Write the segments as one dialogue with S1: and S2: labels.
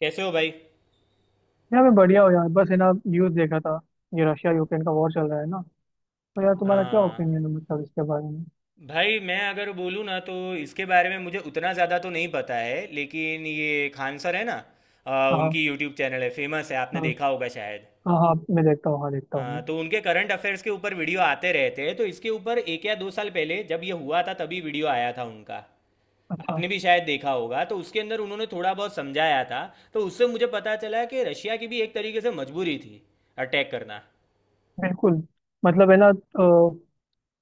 S1: कैसे हो भाई।
S2: यार मैं बढ़िया हूँ यार। बस है ना, न्यूज़ देखा था। ये रशिया यूक्रेन का वॉर चल रहा है ना। तो यार तुम्हारा क्या
S1: हाँ
S2: ओपिनियन है, मतलब इसके बारे में।
S1: भाई, मैं अगर बोलूँ ना तो इसके बारे में मुझे उतना ज़्यादा तो नहीं पता है, लेकिन ये खान सर है ना,
S2: हाँ।
S1: उनकी यूट्यूब चैनल है, फेमस है, आपने
S2: हाँ।
S1: देखा होगा शायद।
S2: हाँ हाँ मैं देखता हूँ, हाँ देखता हूँ मैं।
S1: हाँ, तो उनके करंट अफेयर्स के ऊपर वीडियो आते रहते हैं, तो इसके ऊपर एक या दो साल पहले जब ये हुआ था तभी वीडियो आया था उनका।
S2: अच्छा।
S1: आपने भी शायद देखा होगा, तो उसके अंदर उन्होंने थोड़ा बहुत समझाया था। तो उससे मुझे पता चला कि रशिया की भी एक तरीके से मजबूरी थी अटैक करना।
S2: बिल्कुल। मतलब है ना, तो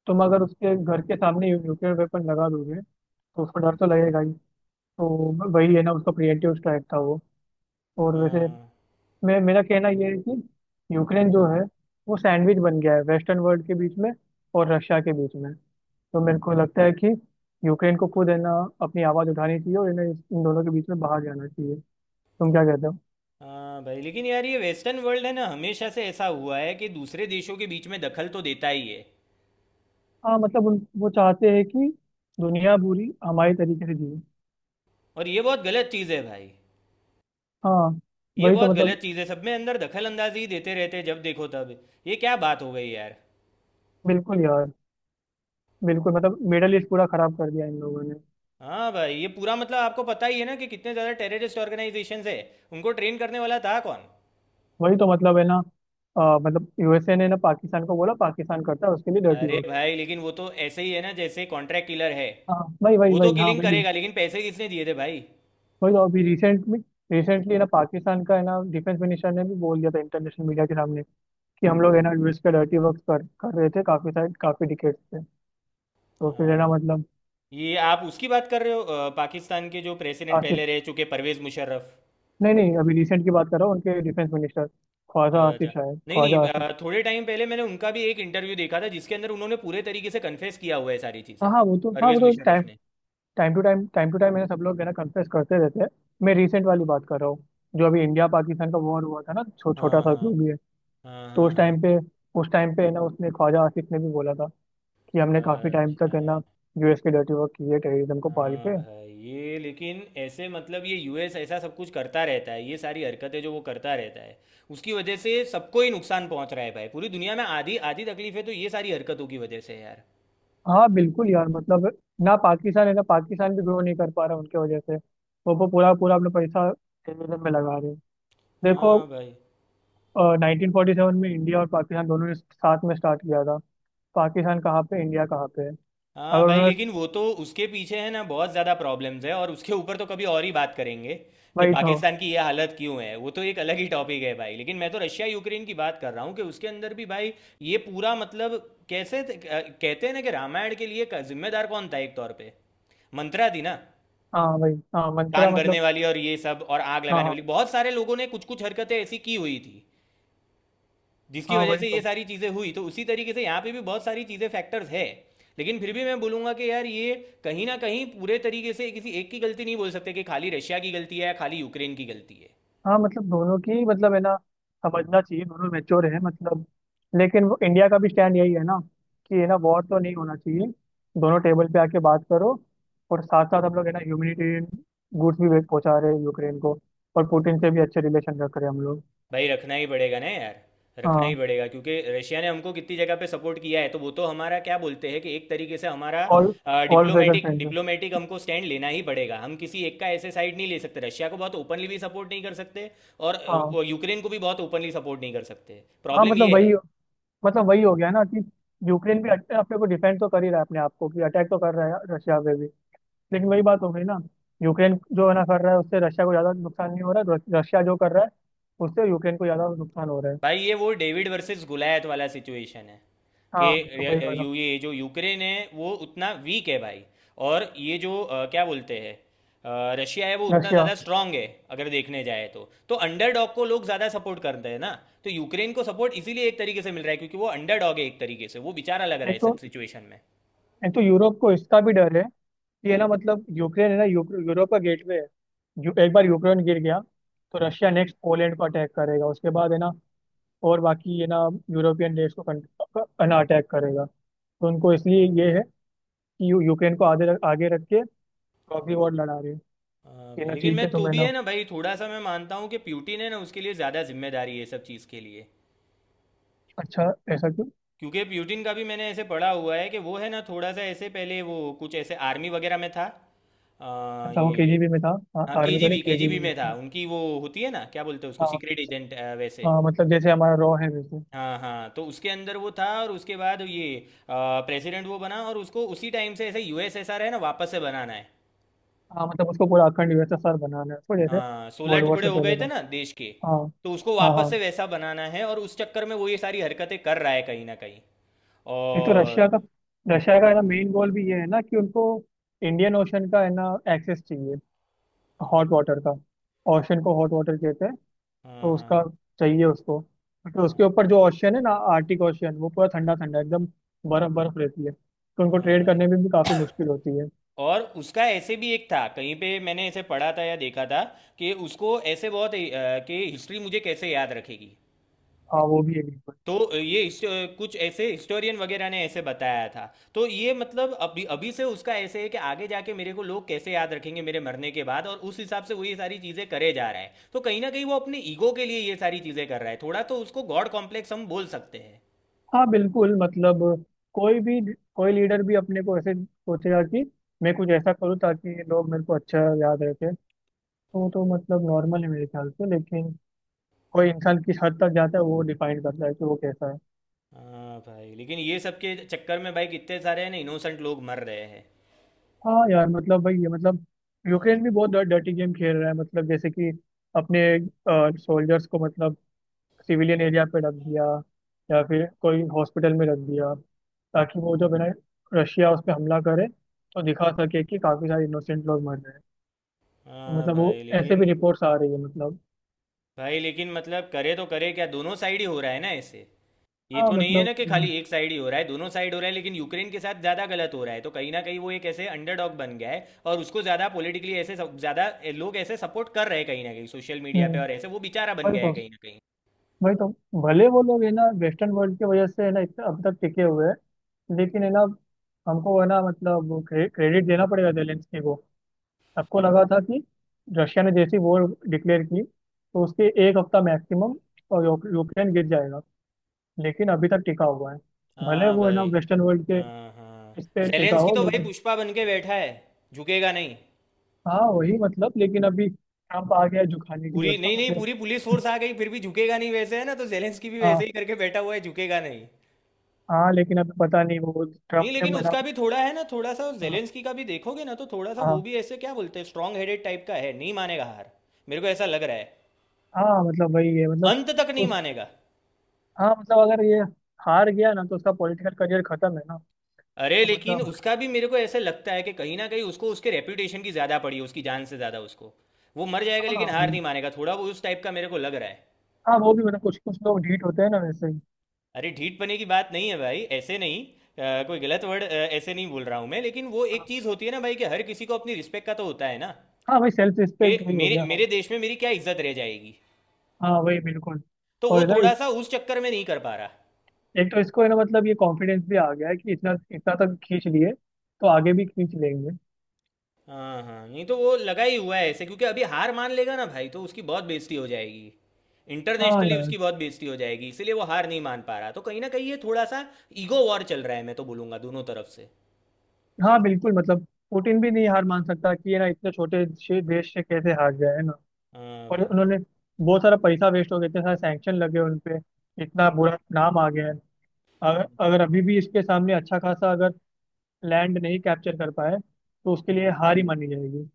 S2: तुम अगर उसके घर के सामने न्यूक्लियर वेपन लगा दोगे तो उसको डर तो लगेगा ही। तो वही है ना, उसका प्रिएंटिव स्ट्राइक था वो। और वैसे
S1: हाँ।
S2: मैं, मेरा कहना ये है कि यूक्रेन जो है वो सैंडविच बन गया है वेस्टर्न वर्ल्ड के बीच में और रशिया के बीच में। तो मेरे को लगता है कि यूक्रेन को खुद है ना अपनी आवाज़ उठानी चाहिए और इन्हें इन दोनों के बीच में बाहर जाना चाहिए। तुम क्या कहते हो?
S1: हाँ भाई, लेकिन यार ये वेस्टर्न वर्ल्ड है ना, हमेशा से ऐसा हुआ है कि दूसरे देशों के बीच में दखल तो देता ही है।
S2: हाँ मतलब उन, वो चाहते हैं कि दुनिया पूरी हमारे तरीके से जिए।
S1: और ये बहुत गलत चीज़ है भाई।
S2: हाँ
S1: ये
S2: वही तो
S1: बहुत गलत
S2: मतलब।
S1: चीज़ है, सब में अंदर दखल अंदाजी ही देते रहते हैं, जब देखो तब। ये क्या बात हो गई यार।
S2: बिल्कुल यार, बिल्कुल मतलब मिडल ईस्ट पूरा खराब कर दिया इन लोगों ने।
S1: हाँ भाई, ये पूरा मतलब आपको पता ही है ना कि कितने ज़्यादा टेररिस्ट ऑर्गेनाइजेशन है। उनको ट्रेन करने वाला था कौन?
S2: वही तो मतलब है ना। मतलब यूएसए ने ना पाकिस्तान को बोला, पाकिस्तान करता है उसके लिए डर्टी
S1: अरे
S2: वर्क।
S1: भाई, लेकिन वो तो ऐसे ही है ना, जैसे कॉन्ट्रैक्ट किलर है।
S2: हाँ, वही वही
S1: वो तो
S2: वही हाँ
S1: किलिंग
S2: वही।
S1: करेगा, लेकिन पैसे किसने दिए थे भाई?
S2: वही तो, अभी रिसेंट में, रिसेंटली ना पाकिस्तान का है ना डिफेंस मिनिस्टर ने भी बोल दिया था इंटरनेशनल मीडिया के सामने कि हम लोग है ना यूएस पे डर्टी वर्क कर कर रहे थे काफी सारे, काफी डिकेट से। तो फिर है ना,
S1: हाँ,
S2: मतलब।
S1: ये आप उसकी बात कर रहे हो पाकिस्तान के जो प्रेसिडेंट
S2: आसिफ।
S1: पहले रह चुके, परवेज़ मुशर्रफ।
S2: नहीं नहीं, अभी रिसेंट की बात कर रहा हूँ, उनके डिफेंस मिनिस्टर ख्वाजा आसिफ,
S1: अच्छा।
S2: शायद
S1: नहीं नहीं,
S2: ख्वाजा आसिफ।
S1: थोड़े टाइम पहले मैंने उनका भी एक इंटरव्यू देखा था, जिसके अंदर उन्होंने पूरे तरीके से कन्फेस किया हुआ है सारी
S2: हाँ
S1: चीज़ें।
S2: हाँ वो तो, हाँ वो
S1: परवेज़
S2: तो टाइम
S1: मुशर्रफ ने।
S2: Time to time, time to time है ना। सब लोग है ना कन्फ्रेस करते रहते हैं। मैं रिसेंट वाली बात कर रहा हूँ, जो अभी इंडिया पाकिस्तान का वॉर हुआ था ना, छोटा
S1: हाँ
S2: सा
S1: हाँ।
S2: जो भी है।
S1: हाँ
S2: तो
S1: हाँ।
S2: उस
S1: हाँ।
S2: टाइम पे, उस टाइम पे है ना उसने, ख्वाजा आसिफ ने भी बोला था कि हमने काफी टाइम तक
S1: अच्छा।
S2: है ना यूएस के डर्टी वर्क किए, टेररिज्म को पाल
S1: हाँ
S2: के।
S1: भाई, ये लेकिन ऐसे मतलब ये यूएस ऐसा सब कुछ करता रहता है, ये सारी हरकतें जो वो करता रहता है, उसकी वजह से सबको ही नुकसान पहुंच रहा है भाई। पूरी दुनिया में आधी आधी तकलीफें तो ये सारी हरकतों की वजह से है यार।
S2: हाँ बिल्कुल यार, मतलब ना पाकिस्तान है ना, पाकिस्तान भी ग्रो नहीं कर पा रहा उनके वजह से। वो पूरा पूरा अपना पैसा टेररिज्म में लगा रहे हैं। देखो,
S1: हाँ भाई।
S2: 1947 में इंडिया और पाकिस्तान दोनों ने साथ में स्टार्ट किया था। पाकिस्तान कहाँ पे, इंडिया कहाँ पे है।
S1: हाँ
S2: अगर
S1: भाई,
S2: उन्होंने,
S1: लेकिन वो तो उसके पीछे है ना बहुत ज़्यादा प्रॉब्लम्स है, और उसके ऊपर तो कभी और ही बात करेंगे कि
S2: वही तो।
S1: पाकिस्तान की ये हालत क्यों है, वो तो एक अलग ही टॉपिक है भाई। लेकिन मैं तो रशिया यूक्रेन की बात कर रहा हूँ कि उसके अंदर भी भाई ये पूरा मतलब, कैसे कहते हैं ना कि रामायण के लिए जिम्मेदार कौन था एक तौर पे? मंत्रा थी ना,
S2: हाँ वही, हाँ मंत्रा
S1: कान भरने
S2: मतलब।
S1: वाली और ये सब, और आग
S2: हाँ
S1: लगाने
S2: हाँ।
S1: वाली, बहुत सारे लोगों ने कुछ कुछ हरकतें ऐसी की हुई थी जिसकी
S2: हाँ
S1: वजह
S2: वही
S1: से ये
S2: तो।
S1: सारी चीज़ें हुई। तो उसी तरीके से यहाँ पे भी बहुत सारी चीज़ें फैक्टर्स है, लेकिन फिर भी मैं बोलूंगा कि यार ये कहीं ना कहीं पूरे तरीके से किसी एक की गलती नहीं बोल सकते, कि खाली रशिया की गलती है या खाली यूक्रेन की गलती है।
S2: हाँ मतलब दोनों की, मतलब है ना समझना चाहिए, दोनों मैच्योर हैं मतलब। लेकिन वो इंडिया का भी स्टैंड यही है ना, कि है ना वॉर तो नहीं होना चाहिए, दोनों टेबल पे आके बात करो। और साथ साथ हम लोग है ना ह्यूमैनिटेरियन गुड्स भी पहुंचा रहे हैं यूक्रेन को, और पुतिन से भी अच्छे रिलेशन रख रहे हैं हम लोग।
S1: भाई रखना ही पड़ेगा ना यार, रखना ही
S2: हाँ
S1: पड़ेगा, क्योंकि रशिया ने हमको कितनी जगह पे सपोर्ट किया है, तो वो तो हमारा क्या बोलते हैं कि एक तरीके से हमारा
S2: all, all weather
S1: diplomatic
S2: friend.
S1: Diplomatic हमको स्टैंड लेना ही पड़ेगा। हम किसी एक का ऐसे साइड नहीं ले सकते। रशिया को बहुत ओपनली भी सपोर्ट नहीं कर सकते, और
S2: हाँ।
S1: वो यूक्रेन को भी बहुत ओपनली सपोर्ट नहीं कर सकते।
S2: हाँ
S1: प्रॉब्लम
S2: मतलब
S1: ये है
S2: वही, मतलब वही हो गया ना कि यूक्रेन भी अपने को डिफेंड तो कर ही रहा है अपने आप को, कि अटैक तो कर रहा है रशिया पे भी। लेकिन वही बात हो गई ना, यूक्रेन जो है ना कर रहा है उससे रशिया को ज्यादा नुकसान नहीं हो रहा है, रशिया जो कर रहा है उससे यूक्रेन को ज्यादा नुकसान हो रहा है।
S1: भाई, ये वो डेविड वर्सेस गुलायत वाला सिचुएशन है, कि
S2: हाँ मतलब वही
S1: रे-
S2: वाला।
S1: यू ये जो यूक्रेन है वो उतना वीक है भाई, और ये जो क्या बोलते हैं, रशिया है वो उतना
S2: रशिया,
S1: ज़्यादा स्ट्रांग है। अगर देखने जाए तो अंडरडॉग को लोग ज़्यादा सपोर्ट करते हैं ना, तो यूक्रेन को सपोर्ट इसीलिए एक तरीके से मिल रहा है क्योंकि वो अंडरडॉग है, एक तरीके से वो बेचारा लग रहा है
S2: एक
S1: इस
S2: तो,
S1: सिचुएशन में।
S2: एक तो यूरोप को इसका भी डर है कि है ना मतलब यूक्रेन है ना, यूरोप का गेटवे है। एक बार यूक्रेन गिर गया तो रशिया नेक्स्ट पोलैंड को अटैक करेगा, उसके बाद है ना और बाकी है ना यूरोपियन देश को है ना अटैक करेगा। तो उनको इसलिए
S1: हाँ
S2: ये
S1: भाई।
S2: है कि यूक्रेन को आगे रख के प्रॉक्सी वॉर लड़ा रही है।
S1: हाँ
S2: कि
S1: भाई,
S2: ना
S1: लेकिन
S2: ठीक
S1: मैं
S2: है तो
S1: तो
S2: मैं
S1: भी
S2: ना,
S1: है ना भाई, थोड़ा सा मैं मानता हूँ कि प्यूटिन है ना, उसके लिए ज़्यादा जिम्मेदारी है सब चीज़ के लिए।
S2: अच्छा ऐसा क्यों।
S1: क्योंकि प्यूटिन का भी मैंने ऐसे पढ़ा हुआ है कि वो है ना, थोड़ा सा ऐसे पहले वो कुछ ऐसे आर्मी वगैरह में था। अ,
S2: अच्छा वो
S1: ये
S2: केजीबी में था। हाँ
S1: हाँ,
S2: आर्मी तो नहीं,
S1: केजीबी
S2: केजीबी
S1: केजीबी
S2: में
S1: में था।
S2: था।
S1: उनकी वो होती है ना, क्या बोलते हैं उसको,
S2: हाँ।
S1: सीक्रेट एजेंट वैसे।
S2: हाँ, मतलब जैसे हमारा रॉ है वैसे।
S1: हाँ हाँ, तो उसके अंदर वो था और उसके बाद ये प्रेसिडेंट वो बना, और उसको उसी टाइम से ऐसे यूएसएसआर है ना वापस से बनाना है।
S2: हाँ मतलब उसको पूरा अखंड यूएसएसआर बनाना है उसको, जैसे
S1: हाँ, 16
S2: वर्ल्ड वॉर
S1: टुकड़े
S2: से
S1: हो गए
S2: पहले
S1: थे
S2: का।
S1: ना देश के।
S2: हाँ।
S1: तो उसको
S2: हाँ
S1: वापस
S2: हाँ।
S1: से वैसा बनाना है और उस चक्कर में वो ये सारी हरकतें कर रहा है कहीं ना कहीं।
S2: एक तो रशिया
S1: और
S2: का, रशिया का है ना मेन गोल भी ये है ना कि उनको इंडियन ओशन का है ना एक्सेस चाहिए,
S1: हाँ।
S2: हॉट वाटर का। ओशन को हॉट वाटर कहते हैं।
S1: हाँ।
S2: तो उसका,
S1: हाँ।
S2: चाहिए उसको। तो उसके
S1: हाँ।
S2: ऊपर जो ओशन है ना आर्टिक ओशन वो पूरा ठंडा ठंडा एकदम बर्फ बर्फ रहती है, तो
S1: हाँ।
S2: उनको
S1: हाँ,
S2: ट्रेड
S1: भाई।
S2: करने में भी काफी मुश्किल होती है।
S1: और उसका ऐसे भी एक था, कहीं पे मैंने ऐसे पढ़ा था या देखा था कि उसको ऐसे बहुत कि हिस्ट्री मुझे कैसे याद रखेगी,
S2: हाँ वो भी है।
S1: तो ये कुछ ऐसे हिस्टोरियन वगैरह ने ऐसे बताया था, तो ये मतलब अभी अभी से उसका ऐसे है कि आगे जाके मेरे को लोग कैसे याद रखेंगे मेरे मरने के बाद, और उस हिसाब से वो ये सारी चीज़ें करे जा रहा है। तो कहीं ना कहीं वो अपने ईगो के लिए ये सारी चीज़ें कर रहा है, थोड़ा तो उसको गॉड कॉम्प्लेक्स हम बोल सकते हैं।
S2: हाँ बिल्कुल मतलब, कोई भी, कोई लीडर भी अपने को ऐसे सोचेगा कि मैं कुछ ऐसा करूँ ताकि ये लोग मेरे को अच्छा याद रखे। तो मतलब नॉर्मल है मेरे ख्याल से, लेकिन कोई इंसान किस हद तक जाता है वो डिफाइन करता है कि वो कैसा है।
S1: हाँ भाई, लेकिन ये सब के चक्कर में भाई कितने सारे है ना इनोसेंट लोग मर रहे हैं।
S2: हाँ यार मतलब भाई, ये मतलब यूक्रेन भी बहुत डर्टी गेम खेल रहा है, मतलब जैसे कि अपने सोल्जर्स को, मतलब सिविलियन एरिया पे रख दिया या फिर कोई हॉस्पिटल में रख दिया ताकि वो जब है ना रशिया उस पर हमला करे तो दिखा सके कि काफी सारे इनोसेंट लोग मर रहे हैं। तो
S1: हाँ
S2: मतलब वो, ऐसे भी रिपोर्ट्स आ रही है मतलब।
S1: भाई लेकिन मतलब करे तो करे क्या, दोनों साइड ही हो रहा है ना ऐसे। ये
S2: हाँ
S1: तो नहीं है
S2: मतलब,
S1: ना कि खाली एक साइड ही हो रहा है, दोनों साइड हो रहा है, लेकिन यूक्रेन के साथ ज़्यादा गलत हो रहा है, तो कहीं ना कहीं वो एक ऐसे अंडरडॉग बन गया है और उसको ज़्यादा पॉलिटिकली ऐसे ज़्यादा लोग ऐसे सपोर्ट कर रहे हैं कहीं ना कहीं सोशल मीडिया पे,
S2: हम्म,
S1: और ऐसे वो बेचारा बन
S2: वही
S1: गया है
S2: तो,
S1: कहीं ना कहीं।
S2: वही तो भले वो लोग है ना वेस्टर्न वर्ल्ड की वजह से है ना इतना अब तक टिके हुए हैं, लेकिन है ना हमको है ना, मतलब क्रेडिट देना पड़ेगा जेलेंस्की को। सबको लगा था कि रशिया ने जैसी वॉर डिक्लेयर की तो उसके एक हफ्ता मैक्सिमम और यूक्रेन गिर जाएगा, लेकिन अभी तक टिका हुआ है। भले
S1: हाँ
S2: वो है ना
S1: भाई।
S2: वेस्टर्न वर्ल्ड के
S1: हाँ हाँ।
S2: इस पे टिका
S1: जेलेंस्की
S2: हो
S1: तो भाई
S2: लेकिन,
S1: पुष्पा बन के बैठा है, झुकेगा नहीं।
S2: हाँ वही मतलब, लेकिन अभी ट्रम्प आ गया है जो खाने के लिए
S1: पूरी,
S2: उसका
S1: नहीं नहीं,
S2: मतलब।
S1: पूरी पुलिस फोर्स आ गई फिर भी झुकेगा नहीं वैसे है ना, तो जेलेंस्की भी वैसे
S2: हाँ।
S1: ही करके बैठा हुआ है, झुकेगा नहीं।
S2: हाँ लेकिन अभी पता नहीं वो
S1: नहीं,
S2: ट्रम्प ने
S1: लेकिन
S2: मना।
S1: उसका भी थोड़ा है ना, थोड़ा सा
S2: हाँ।
S1: जेलेंस्की का भी देखोगे ना तो थोड़ा सा वो
S2: हाँ,
S1: भी ऐसे क्या बोलते हैं स्ट्रांग हेडेड टाइप का है, नहीं मानेगा हार। मेरे को ऐसा लग रहा है,
S2: हाँ, मतलब वही है मतलब
S1: अंत तक नहीं
S2: उस।
S1: मानेगा।
S2: हाँ मतलब अगर ये हार गया ना तो उसका पॉलिटिकल करियर खत्म है ना।
S1: अरे,
S2: तो
S1: लेकिन
S2: मतलब।
S1: उसका भी मेरे को ऐसे लगता है कि कहीं ना कहीं उसको उसके रेपुटेशन की ज़्यादा पड़ी है, उसकी जान से ज़्यादा उसको। वो मर जाएगा लेकिन
S2: हाँ
S1: हार
S2: भाई।
S1: नहीं मानेगा, थोड़ा वो उस टाइप का मेरे को लग रहा है।
S2: हाँ वो भी मतलब, कुछ कुछ लोग ढीठ होते हैं ना, वैसे ही।
S1: अरे ढीठ पने की बात नहीं है भाई, ऐसे नहीं, कोई गलत वर्ड ऐसे नहीं बोल रहा हूँ मैं, लेकिन वो एक
S2: हाँ।
S1: चीज़ होती है ना भाई, कि हर किसी को अपनी रिस्पेक्ट का तो होता है ना,
S2: हाँ भाई सेल्फ
S1: कि
S2: रिस्पेक्ट, वही हो
S1: मेरे
S2: गया हाँ।
S1: मेरे देश में मेरी क्या इज्जत रह जाएगी,
S2: हाँ वही बिल्कुल।
S1: तो
S2: और
S1: वो
S2: इधर
S1: थोड़ा सा उस चक्कर में नहीं कर पा रहा।
S2: एक तो इसको है ना, मतलब ये कॉन्फिडेंस भी आ गया है कि इतना, इतना तक खींच लिए तो आगे भी खींच लेंगे।
S1: हाँ हाँ, नहीं तो वो लगा ही हुआ है ऐसे, क्योंकि अभी हार मान लेगा ना भाई तो उसकी बहुत बेइज्जती हो जाएगी।
S2: हाँ
S1: इंटरनेशनली
S2: यार।
S1: उसकी बहुत बेइज्जती हो जाएगी, इसीलिए वो हार नहीं मान पा रहा, तो कहीं ना कहीं ये थोड़ा सा ईगो वॉर चल रहा है, मैं तो बोलूँगा दोनों तरफ से।
S2: हाँ बिल्कुल मतलब पुतिन भी नहीं हार मान सकता कि ये ना इतने छोटे से देश से कैसे हार गया है ना।
S1: हाँ
S2: और
S1: भाई।
S2: उन्होंने, बहुत सारा पैसा वेस्ट हो गया, इतने सारे सैंक्शन लगे उन पे, इतना बुरा नाम आ गया है। अगर
S1: हम्म।
S2: अगर अभी भी इसके सामने अच्छा खासा अगर लैंड नहीं कैप्चर कर पाए तो उसके लिए हार ही मानी जाएगी।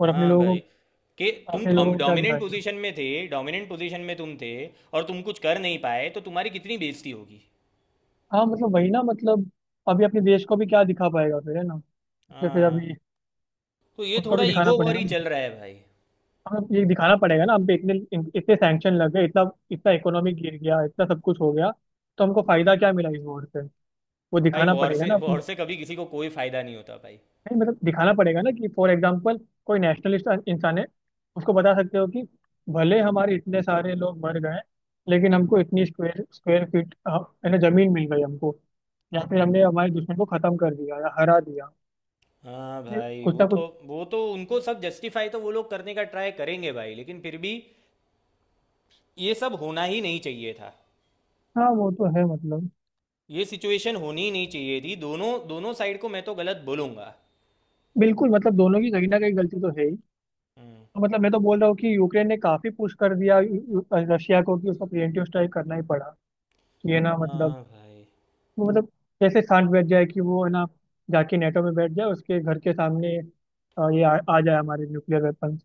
S2: और अपने
S1: हाँ
S2: लोगों
S1: भाई,
S2: को,
S1: कि
S2: अपने लोगों
S1: तुम
S2: को क्या
S1: डोमिनेंट
S2: दिखाएगा?
S1: पोजीशन में थे, डोमिनेंट पोजीशन में तुम थे, और तुम कुछ कर नहीं पाए, तो तुम्हारी कितनी बेइज्जती होगी।
S2: हाँ मतलब वही ना मतलब, अभी अपने देश को भी क्या दिखा पाएगा फिर है ना। फिर
S1: हाँ
S2: फिर
S1: हाँ,
S2: अभी
S1: तो ये
S2: उनको
S1: थोड़ा
S2: भी दिखाना
S1: ईगो वॉर
S2: पड़ेगा
S1: ही
S2: ना,
S1: चल रहा है भाई।
S2: हमें ये दिखाना पड़ेगा ना, हम पे इतने, इतने सैंक्शन लग गए, इतना, इतना इकोनॉमी गिर गया, इतना सब कुछ हो गया, तो हमको फायदा क्या मिला इस वॉर से। वो
S1: भाई
S2: दिखाना
S1: वॉर
S2: पड़ेगा
S1: से
S2: ना।
S1: वॉर से कभी किसी को कोई फायदा नहीं होता भाई।
S2: नहीं मतलब दिखाना पड़ेगा ना कि फॉर एग्जाम्पल कोई नेशनलिस्ट इंसान है, उसको बता सकते हो कि भले हमारे इतने सारे लोग मर गए लेकिन हमको इतनी स्क्वायर स्क्वायर फीट है ना जमीन मिल गई हमको। या फिर हमने हमारे दुश्मन को खत्म कर दिया या हरा दिया।
S1: हाँ
S2: ये
S1: भाई,
S2: कुछ
S1: वो
S2: ना
S1: तो
S2: कुछ।
S1: वो तो उनको सब जस्टिफाई तो वो लोग करने का ट्राई करेंगे भाई, लेकिन फिर भी ये सब होना ही नहीं चाहिए था।
S2: हाँ वो तो है मतलब,
S1: ये सिचुएशन होनी ही नहीं चाहिए थी, दोनों दोनों साइड को मैं तो गलत बोलूँगा।
S2: बिल्कुल मतलब दोनों की कहीं ना कहीं गलती तो है ही।
S1: हम्म।
S2: तो मतलब मैं तो बोल रहा हूँ कि यूक्रेन ने काफी पुश कर दिया यू- यू- रशिया को, कि उसको प्रिवेंटिव स्ट्राइक करना ही पड़ा। ये ना मतलब,
S1: हाँ भाई।
S2: वो मतलब कैसे शांत बैठ जाए कि वो है ना जाके नेटो में बैठ जाए उसके घर के सामने, ये आ जाए हमारे न्यूक्लियर वेपन।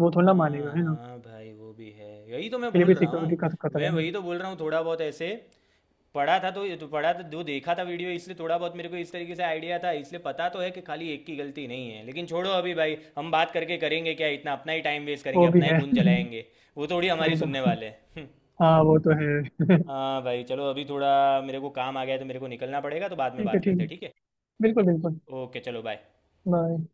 S2: वो थोड़ा ना
S1: हाँ।
S2: मानेगा है ना,
S1: हाँ भाई, वो भी है, यही तो मैं
S2: उसके लिए
S1: बोल
S2: भी
S1: रहा हूँ।
S2: सिक्योरिटी का खतरा
S1: मैं
S2: है ना।
S1: वही तो बोल रहा हूँ, थोड़ा बहुत ऐसे पढ़ा था तो पढ़ा था, जो देखा था वीडियो, इसलिए थोड़ा बहुत मेरे को इस तरीके से आइडिया था, इसलिए पता तो है कि खाली एक की गलती नहीं है। लेकिन छोड़ो अभी भाई, हम बात करके करेंगे क्या, इतना अपना ही टाइम वेस्ट करेंगे,
S2: वो भी
S1: अपना ही
S2: है
S1: खून जलाएंगे। वो थोड़ी हमारी
S2: वही
S1: सुनने
S2: तो।
S1: वाले हैं।
S2: हाँ वो तो है
S1: हाँ भाई चलो, अभी थोड़ा मेरे को काम आ गया है, तो मेरे को निकलना पड़ेगा, तो बाद में
S2: ठीक है,
S1: बात
S2: ठीक
S1: करते हैं,
S2: है।
S1: ठीक है।
S2: बिल्कुल बिल्कुल।
S1: ओके, चलो बाय।
S2: बाय।